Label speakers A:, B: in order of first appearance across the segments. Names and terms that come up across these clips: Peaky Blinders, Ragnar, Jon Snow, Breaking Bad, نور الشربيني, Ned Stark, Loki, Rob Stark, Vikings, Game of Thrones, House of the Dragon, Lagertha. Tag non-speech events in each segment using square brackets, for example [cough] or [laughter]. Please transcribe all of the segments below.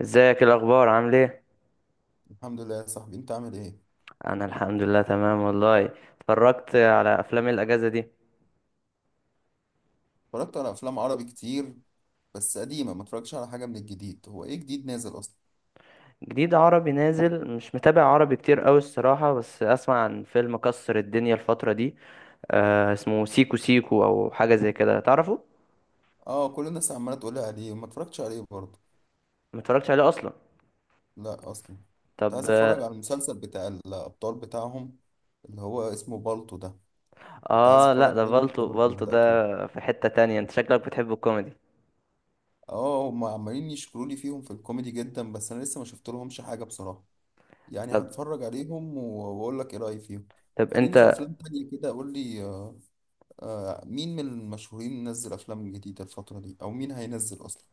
A: ازيك؟ إيه الاخبار؟ عامل ايه؟
B: الحمد لله يا صاحبي، انت عامل ايه؟
A: انا الحمد لله تمام والله. اتفرجت على افلام إيه الاجازه دي؟
B: اتفرجت على افلام عربي كتير، بس قديمه. ما اتفرجتش على حاجه من الجديد. هو ايه جديد نازل اصلا؟
A: جديد عربي نازل، مش متابع عربي كتير قوي الصراحه، بس اسمع عن فيلم كسر الدنيا الفتره دي، آه اسمه سيكو سيكو او حاجه زي كده، تعرفه؟
B: اه، كل الناس عماله تقول لي عليه وما اتفرجتش عليه برضه.
A: ما اتفرجتش عليه اصلا؟
B: لا اصلا. كنت
A: طب
B: عايز اتفرج
A: اه.
B: على المسلسل بتاع الابطال بتاعهم، اللي هو اسمه بالطو ده. كنت عايز
A: لا
B: اتفرج
A: ده
B: عليه لسه،
A: فالتو،
B: برضه ما
A: فالتو ده
B: بداتهوش.
A: في حته تانية. انت شكلك بتحب الكوميدي.
B: اه، هم عمالين يشكروا لي فيهم في الكوميدي جدا، بس انا لسه ما شفت لهمش حاجه بصراحه. يعني
A: طب،
B: هتفرج عليهم واقول لك ايه رايي فيهم.
A: طب
B: خليني في
A: انت
B: افلام تانية كده. قول لي آه مين من المشهورين نزل افلام جديده الفتره دي؟ او مين هينزل اصلا؟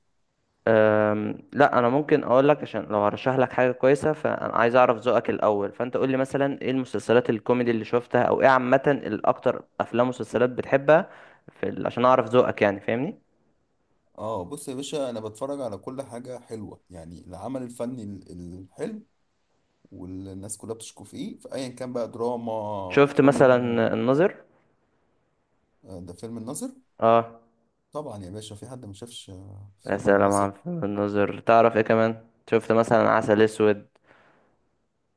A: لا انا ممكن اقول لك، عشان لو هرشح لك حاجه كويسه فانا عايز اعرف ذوقك الاول، فانت قول لي مثلا ايه المسلسلات الكوميدي اللي شفتها، او ايه عامه الاكتر افلام ومسلسلات بتحبها؟ عشان اعرف ذوقك يعني، فاهمني؟
B: اه، بص يا باشا، انا بتفرج على كل حاجه حلوه، يعني العمل الفني الحلو والناس كلها بتشكو فيه، فايا كان بقى دراما
A: شفت مثلا
B: كوميدي.
A: الناظر؟
B: آه، ده فيلم الناظر.
A: اه.
B: طبعا يا باشا، في حد ما شافش
A: يا
B: فيلم
A: سلام
B: الناظر؟
A: على فيلم الناظر! تعرف ايه كمان؟ شفت مثلا عسل اسود؟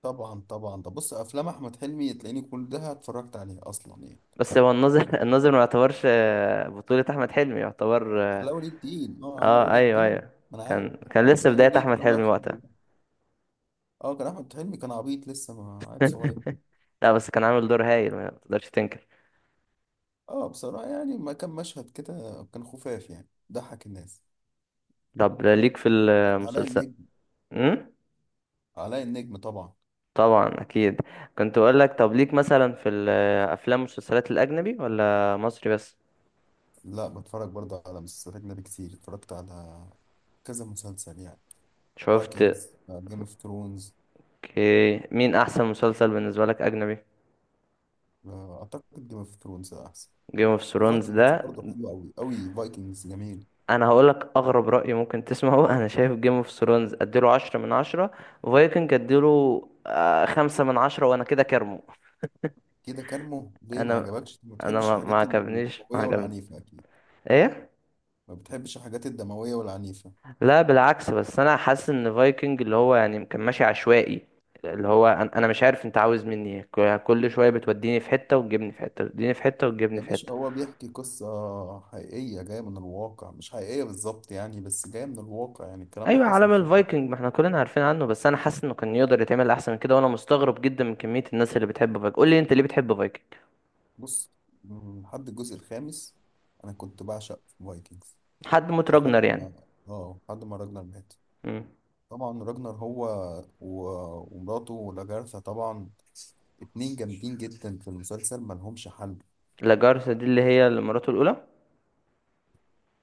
B: طبعا طبعا، ده بص افلام احمد حلمي تلاقيني كلها اتفرجت عليها اصلا يعني.
A: بس هو الناظر [laughs] الناظر ما يعتبرش بطوله احمد حلمي، يعتبر اه.
B: علاء ولي الدين، اه علاء ولي
A: ايوه
B: الدين.
A: ايوه.
B: ما انا عارف.
A: كان لسه
B: علاء
A: بدايه
B: ولي
A: احمد
B: الدين الله
A: حلمي
B: يرحمه
A: وقتها.
B: دلوقتي. اه، كان احمد حلمي كان عبيط لسه، ما عيل صغير.
A: [laughs] لا بس كان عامل دور هايل، ما تقدرش تنكر.
B: اه، بصراحة يعني ما كان مشهد كده، كان خفاف يعني ضحك الناس.
A: طب ليك في
B: علاء
A: المسلسل؟
B: النجم.
A: امم
B: علاء النجم طبعا.
A: طبعا، اكيد. كنت اقول لك طب ليك مثلا في الافلام والمسلسلات الاجنبي، ولا مصري بس؟
B: لا، بتفرج برضه على مسلسلات أجنبي كتير. اتفرجت على كذا مسلسل يعني.
A: شفت.
B: فايكنجز، جيم اوف ثرونز.
A: اوكي، مين احسن مسلسل بالنسبه لك اجنبي؟
B: أعتقد جيم اوف ثرونز أحسن.
A: جيم اوف ثرونز ده.
B: وفايكنجز برضه حلو أوي أوي، فايكنجز جميل.
A: انا هقول لك اغرب راي ممكن تسمعه، [laughs] انا شايف جيم اوف ثرونز اديله 10 من 10، وفايكنج اديله 5 من 10، وانا كده كارمه.
B: كده كارمو ليه؟ ما
A: انا،
B: عجبكش؟ ما
A: انا
B: بتحبش
A: ما ما
B: الحاجات
A: عجبنيش، ما
B: الدموية
A: عجبني
B: والعنيفة أكيد.
A: ايه؟
B: ما بتحبش الحاجات الدموية والعنيفة.
A: لا بالعكس، بس انا حاسس ان فايكنج اللي هو يعني كان ماشي عشوائي، اللي هو انا مش عارف انت عاوز مني ايه، كل شويه بتوديني في حته وتجيبني في حته وتوديني في حته وتجيبني
B: يا
A: في حته.
B: باشا، هو بيحكي قصة حقيقية جاية من الواقع، مش حقيقية بالظبط يعني، بس جاية من الواقع. يعني الكلام ده
A: ايوه
B: حصل
A: عالم
B: فعلا.
A: الفايكنج ما احنا كلنا عارفين عنه، بس انا حاسس انه كان يقدر يتعمل احسن من كده، وانا مستغرب جدا من كميه الناس اللي بتحب فايكنج. قول لي انت ليه بتحب فايكنج؟
B: بص، لحد الجزء الخامس أنا كنت بعشق فايكنجز.
A: حد موت راجنر
B: لحد
A: يعني؟
B: ما اه لحد ما راجنر مات.
A: امم
B: طبعا راجنر هو و... ومراته لاجارثا طبعا. اتنين جامدين جدا في المسلسل، ملهمش حل.
A: لاجارثا دي اللي هي اللي مراته الاولى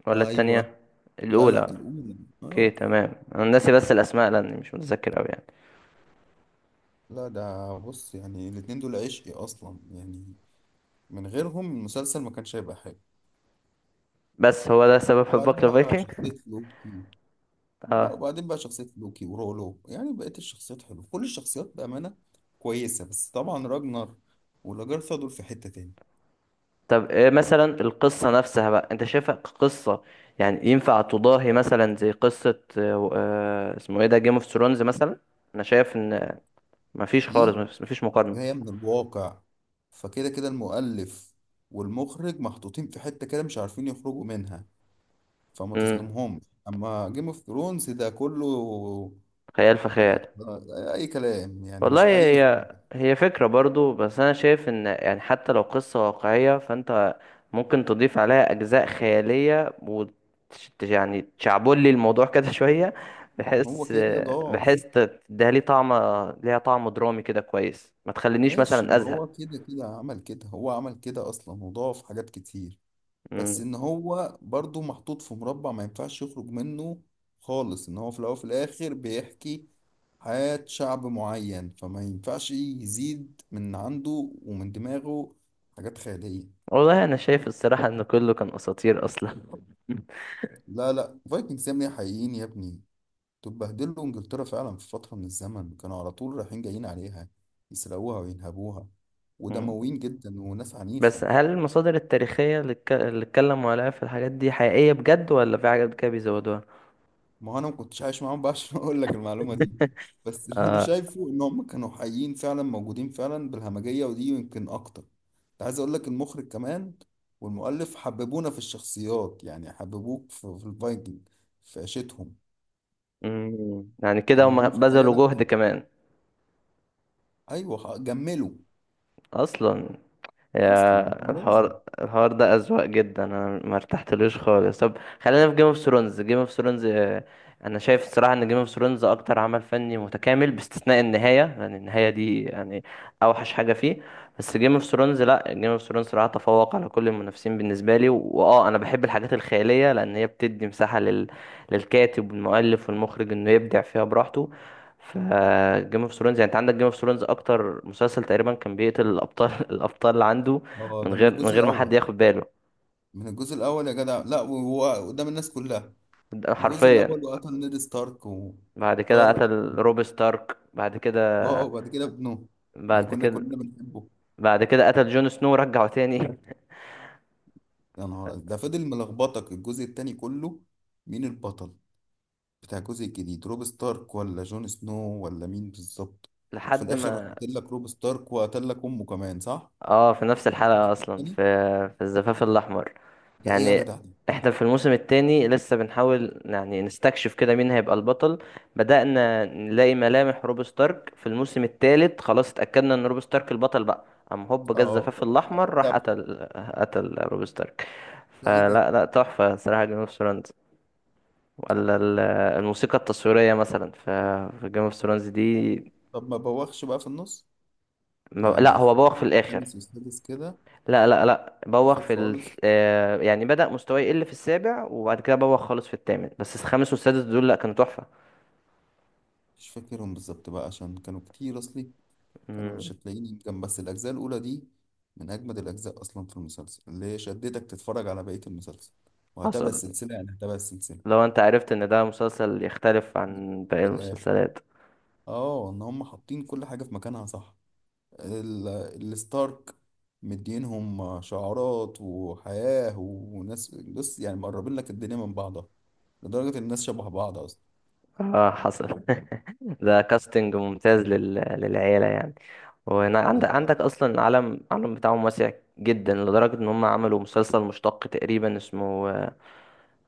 A: ولا
B: ايوه.
A: التانية؟
B: لا، لا،
A: الاولى.
B: الأولى.
A: اوكي
B: ايوه.
A: تمام، انا ناسي بس الاسماء لاني مش متذكر قوي يعني.
B: لا، ده بص يعني الاتنين دول عشقي أصلا يعني. من غيرهم المسلسل ما كانش هيبقى حلو.
A: بس هو ده سبب حبك
B: وبعدين بقى
A: لفايكنج؟
B: شخصية لوكي. لا،
A: اه.
B: وبعدين بقى شخصية لوكي ورولو. يعني بقيت الشخصيات حلوة، كل الشخصيات بأمانة كويسة، بس طبعا راجنر ولاجرثا دول في حتة تاني.
A: طب ايه مثلا القصة نفسها بقى، انت شايفها قصة؟ يعني ينفع تضاهي مثلا زي قصة اسمه ايه ده، جيم اوف ثرونز مثلا؟ انا شايف ان مفيش خالص،
B: دي
A: مفيش مقارنة.
B: جاية من الواقع، فكده كده المؤلف والمخرج محطوطين في حتة كده مش عارفين يخرجوا منها، فما
A: امم
B: تظلمهمش. أما جيم اوف ثرونز ده كله
A: خيال فخيال.
B: أي كلام، يعني
A: والله
B: مش حقيقي
A: هي
B: خالص.
A: هي فكرة برضو، بس أنا شايف إن يعني حتى لو قصة واقعية فأنت ممكن تضيف عليها أجزاء خيالية، وت يعني تشعبولي لي الموضوع كده [laughs] شوية،
B: هو
A: بحيث،
B: كده كده
A: بحيث
B: ضعف.
A: تديها لي طعم، ليها طعم درامي كده كويس، ما تخلينيش
B: ماشي،
A: مثلا
B: ما
A: أزهق.
B: هو كده كده عمل كده، هو عمل كده اصلا وضاف حاجات كتير. بس
A: مم.
B: ان هو برضو محطوط في مربع ما ينفعش يخرج منه خالص. ان هو في الاول وفي الاخر بيحكي حياة شعب معين، فما ينفعش يزيد من عنده ومن دماغه حاجات خيالية.
A: والله أنا شايف الصراحة إن كله كان أساطير أصلا.
B: لا، لا، فايكنجز يا ابني، حقيقيين يا ابني. دول بهدلوا انجلترا فعلا في فترة من الزمن، كانوا على طول رايحين جايين عليها يسرقوها وينهبوها،
A: مم.
B: ودمويين جدا وناس
A: بس
B: عنيفة.
A: هل المصادر التاريخية اللي اتكلموا عليها في الحاجات دي حقيقية بجد، ولا في حاجات كده بيزودوها؟
B: ما هو انا ما كنتش عايش معاهم بقى [laughs] عشان اقول لك المعلومه دي. بس اللي انا شايفه ان هم كانوا حقيقيين فعلا، موجودين فعلا بالهمجيه، ودي يمكن اكتر. كنت عايز اقول لك، المخرج كمان والمؤلف حببونا في الشخصيات، يعني حببوك في الفايكنج، في عيشتهم.
A: مم. يعني كده
B: اما
A: هم
B: هم في الحقيقه
A: بذلوا
B: لا.
A: جهد كمان
B: ايوه، جملوا
A: اصلا.
B: اصلا.
A: يا
B: هو لازم.
A: الحوار، الحوار ده اذواق جدا، انا ما ارتحتلوش خالص. طب خلينا في جيم اوف ثرونز. جيم اوف ثرونز انا شايف الصراحه ان جيم اوف ثرونز اكتر عمل فني متكامل باستثناء النهايه، لان النهايه دي يعني اوحش حاجه فيه. بس جيم اوف ثرونز، لا جيم اوف ثرونز صراحه تفوق على كل المنافسين بالنسبه لي. واه انا بحب الحاجات الخياليه لان هي بتدي مساحه للكاتب والمؤلف والمخرج انه يبدع فيها براحته. ف جيم اوف ثرونز يعني، انت عندك جيم اوف ثرونز اكتر مسلسل تقريبا كان بيقتل الابطال، [laughs] الابطال اللي عنده
B: اه،
A: من
B: ده من
A: غير من
B: الجزء
A: غير ما حد
B: الاول.
A: ياخد باله.
B: من الجزء الاول يا جدع، لا وهو قدام الناس كلها.
A: ده
B: من الجزء الاول،
A: حرفيا
B: وقتل نيد ستارك
A: بعد كده
B: وطار.
A: قتل روب ستارك، بعد كده،
B: اه، وبعد كده ابنه اللي
A: بعد
B: كنا
A: كده،
B: كلنا بنحبه.
A: بعد كده قتل جون سنو ورجعه تاني. [laughs]
B: يا نهار ده فضل ملخبطك الجزء التاني كله. مين البطل بتاع الجزء الجديد؟ روب ستارك ولا جون سنو ولا مين بالظبط؟ وفي
A: لحد
B: الاخر راح
A: ما
B: قاتل لك روب ستارك وقتل لك امه كمان صح؟
A: اه في
B: مش
A: نفس
B: الجزء
A: الحلقة اصلا، في
B: التاني؟
A: في الزفاف الاحمر
B: ده ايه يا
A: يعني.
B: جدع دي؟
A: احنا في الموسم التاني لسه بنحاول يعني نستكشف كده مين هيبقى البطل. بدأنا نلاقي ملامح روب ستارك في الموسم التالت، خلاص اتأكدنا ان روب ستارك البطل بقى، قام هوب جه
B: اه.
A: الزفاف الاحمر
B: ده
A: راح قتل، قتل روب ستارك.
B: ده ايه ده؟
A: فلا لا، تحفة صراحة جيم اوف ثرونز. ولا ال- الموسيقى التصويرية مثلا في في جيم اوف ثرونز دي.
B: طب ما بوخش بقى في النص؟
A: لا
B: يعني
A: هو
B: في
A: بوخ في الاخر.
B: الخامس والسادس كده.
A: لا بوخ
B: اخر
A: في ال...
B: خالص.
A: يعني بدأ مستواي يقل في السابع، وبعد كده بوخ خالص في الثامن، بس الخامس والسادس دول لا كانوا تحفة.
B: مش فاكرهم بالظبط بقى عشان كانوا كتير اصلي. فانا
A: مم.
B: مش هتلاقيني جنب. بس الاجزاء الاولى دي من اجمد الاجزاء اصلا في المسلسل، اللي هي شدتك تتفرج على بقيه المسلسل وهتابع
A: حصل.
B: السلسله، يعني هتابع السلسله
A: لو انت عرفت ان ده مسلسل يختلف عن باقي
B: من الاخر.
A: المسلسلات.
B: اه، ان هم حاطين كل حاجه في مكانها صح. ال- الستارك، مدينهم شعارات وحياه وناس. بص، يعني مقربين لك الدنيا من بعضها، لدرجه ان الناس شبه بعض اصلا.
A: اه حصل. [laughs] ده كاستنج ممتاز للعيلة يعني. وهنا عندك،
B: بالظبط.
A: اصلا العالم، بتاعهم واسع جدا لدرجة ان هم عملوا مسلسل مشتق تقريبا اسمه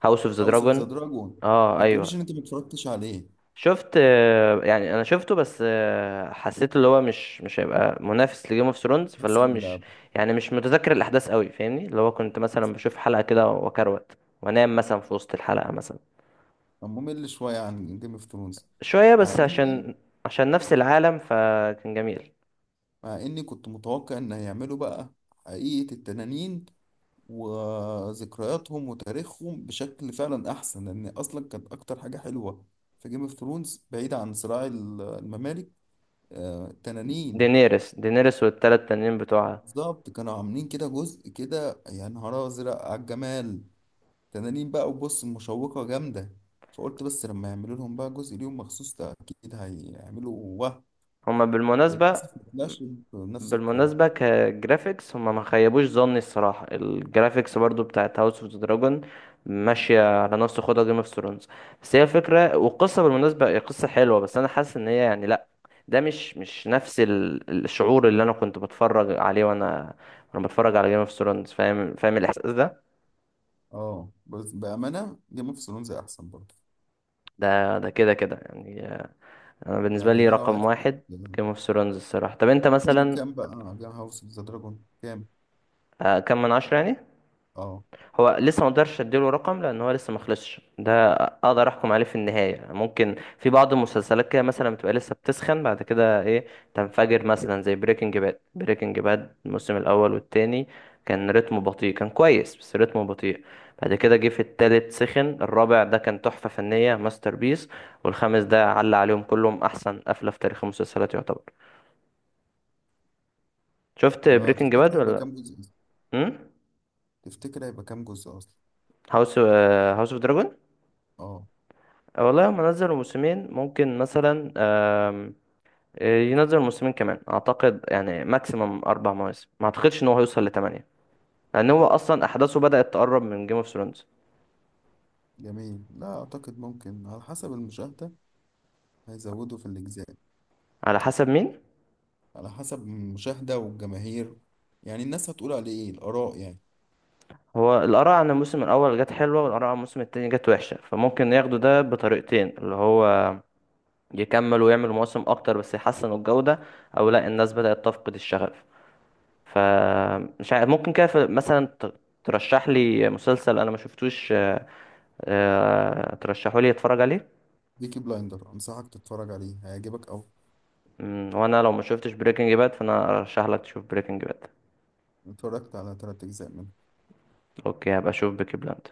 A: هاوس اوف ذا
B: هاوس اوف ذا
A: دراجون.
B: دراجون.
A: اه
B: ما
A: ايوه.
B: تقوليش ان انت ما اتفرجتش عليه.
A: شفت، يعني انا شفته بس حسيت اللي هو مش، مش هيبقى منافس لجيم اوف ثرونز، فاللي هو
B: احسن.
A: مش يعني مش متذكر الاحداث قوي، فاهمني؟ اللي هو كنت مثلا بشوف حلقة كده وكروت وانام مثلا في وسط الحلقة مثلا.
B: كان ممل شوية عن جيم اوف ثرونز.
A: شوية
B: مع
A: بس،
B: اني
A: عشان نفس العالم فكان جميل.
B: مع اني كنت متوقع ان هيعملوا بقى حقيقة التنانين وذكرياتهم وتاريخهم بشكل فعلا احسن، لان اصلا كانت اكتر حاجة حلوة في جيم اوف ثرونز بعيد عن صراع الممالك. التنانين.
A: دينيرس والتلات تانيين بتوعها.
B: بالظبط، كانوا عاملين كده جزء كده يا نهار ازرق على الجمال. تنانين بقى وبص مشوقة جامدة. فقلت بس لما يعملوا لهم بقى جزء ليهم مخصوص، ده اكيد هيعملوا.
A: هما بالمناسبة،
B: للأسف ما طلعش بنفس القوة.
A: بالمناسبة كجرافيكس هما ما خيبوش ظني الصراحة، الجرافيكس برضو بتاعت هاوس اوف دراجون ماشية على نفس خدها جيم اوف ثرونز. بس هي الفكرة والقصة بالمناسبة، هي قصة حلوة بس أنا حاسس إن هي يعني لأ، ده مش، مش نفس الشعور اللي أنا كنت بتفرج عليه، وأنا، بتفرج على جيم اوف ثرونز. فاهم، الإحساس ده.
B: اه، بس بأمانة جيم اوف ثرونز أحسن برضه.
A: ده، كده كده يعني، أنا بالنسبة
B: يعني
A: لي
B: ده لو
A: رقم
B: هياخد،
A: واحد جيم اوف ثرونز الصراحة. طب أنت
B: اديله
A: مثلا
B: كام بقى؟ جيم هاوس اوف ذا دراجون كام؟
A: كم من عشرة يعني؟
B: اه.
A: هو لسه ما اقدرش اديله رقم لان هو لسه ما خلصش، ده اقدر احكم عليه في النهايه. ممكن في بعض المسلسلات كده مثلا بتبقى لسه بتسخن، بعد كده ايه تنفجر، مثلا زي بريكنج باد. بريكنج باد الموسم الاول والتاني كان رتمه بطيء، كان كويس بس رتمه بطيء. بعد كده جه في التالت سخن، الرابع ده كان تحفه فنيه، ماستر بيس، والخامس ده علق عليهم كلهم، احسن قفله في تاريخ المسلسلات يعتبر. شفت بريكنج
B: تفتكر
A: باد
B: هيبقى
A: ولا؟
B: كام جزء أصلا؟
A: امم
B: تفتكر هيبقى كام جزء أصلا؟
A: هاوس، اوف دراجون.
B: اه.
A: والله هم نزلوا موسمين، ممكن مثلا ينزل موسمين كمان اعتقد، يعني ماكسيمم 4 مواسم، ما اعتقدش ان هو هيوصل لـ8، لان هو اصلا احداثه بدأت تقرب من جيم اوف ثرونز.
B: جميل. لا أعتقد، ممكن على حسب المشاهدة هيزودوا في الأجزاء.
A: على حسب مين؟
B: على حسب المشاهدة والجماهير، يعني الناس هتقول عليه إيه الآراء يعني.
A: هو الاراء عن الموسم الاول جت حلوة، والاراء عن الموسم التاني جت وحشة، فممكن ياخدوا ده بطريقتين، اللي هو يكمل ويعمل مواسم اكتر بس يحسنوا الجودة، او لا الناس بدأت تفقد الشغف. فمش عارف. ممكن كده مثلا ترشح لي مسلسل انا ما شفتوش، ترشحوا لي اتفرج عليه.
B: بيكي بلايندر أنصحك تتفرج عليه، هيعجبك أوي.
A: وانا لو ما شفتش بريكنج باد فانا ارشح لك تشوف بريكنج باد.
B: اتفرجت على تلات أجزاء منه.
A: اوكي، هبقى اشوف بيكي بلاند.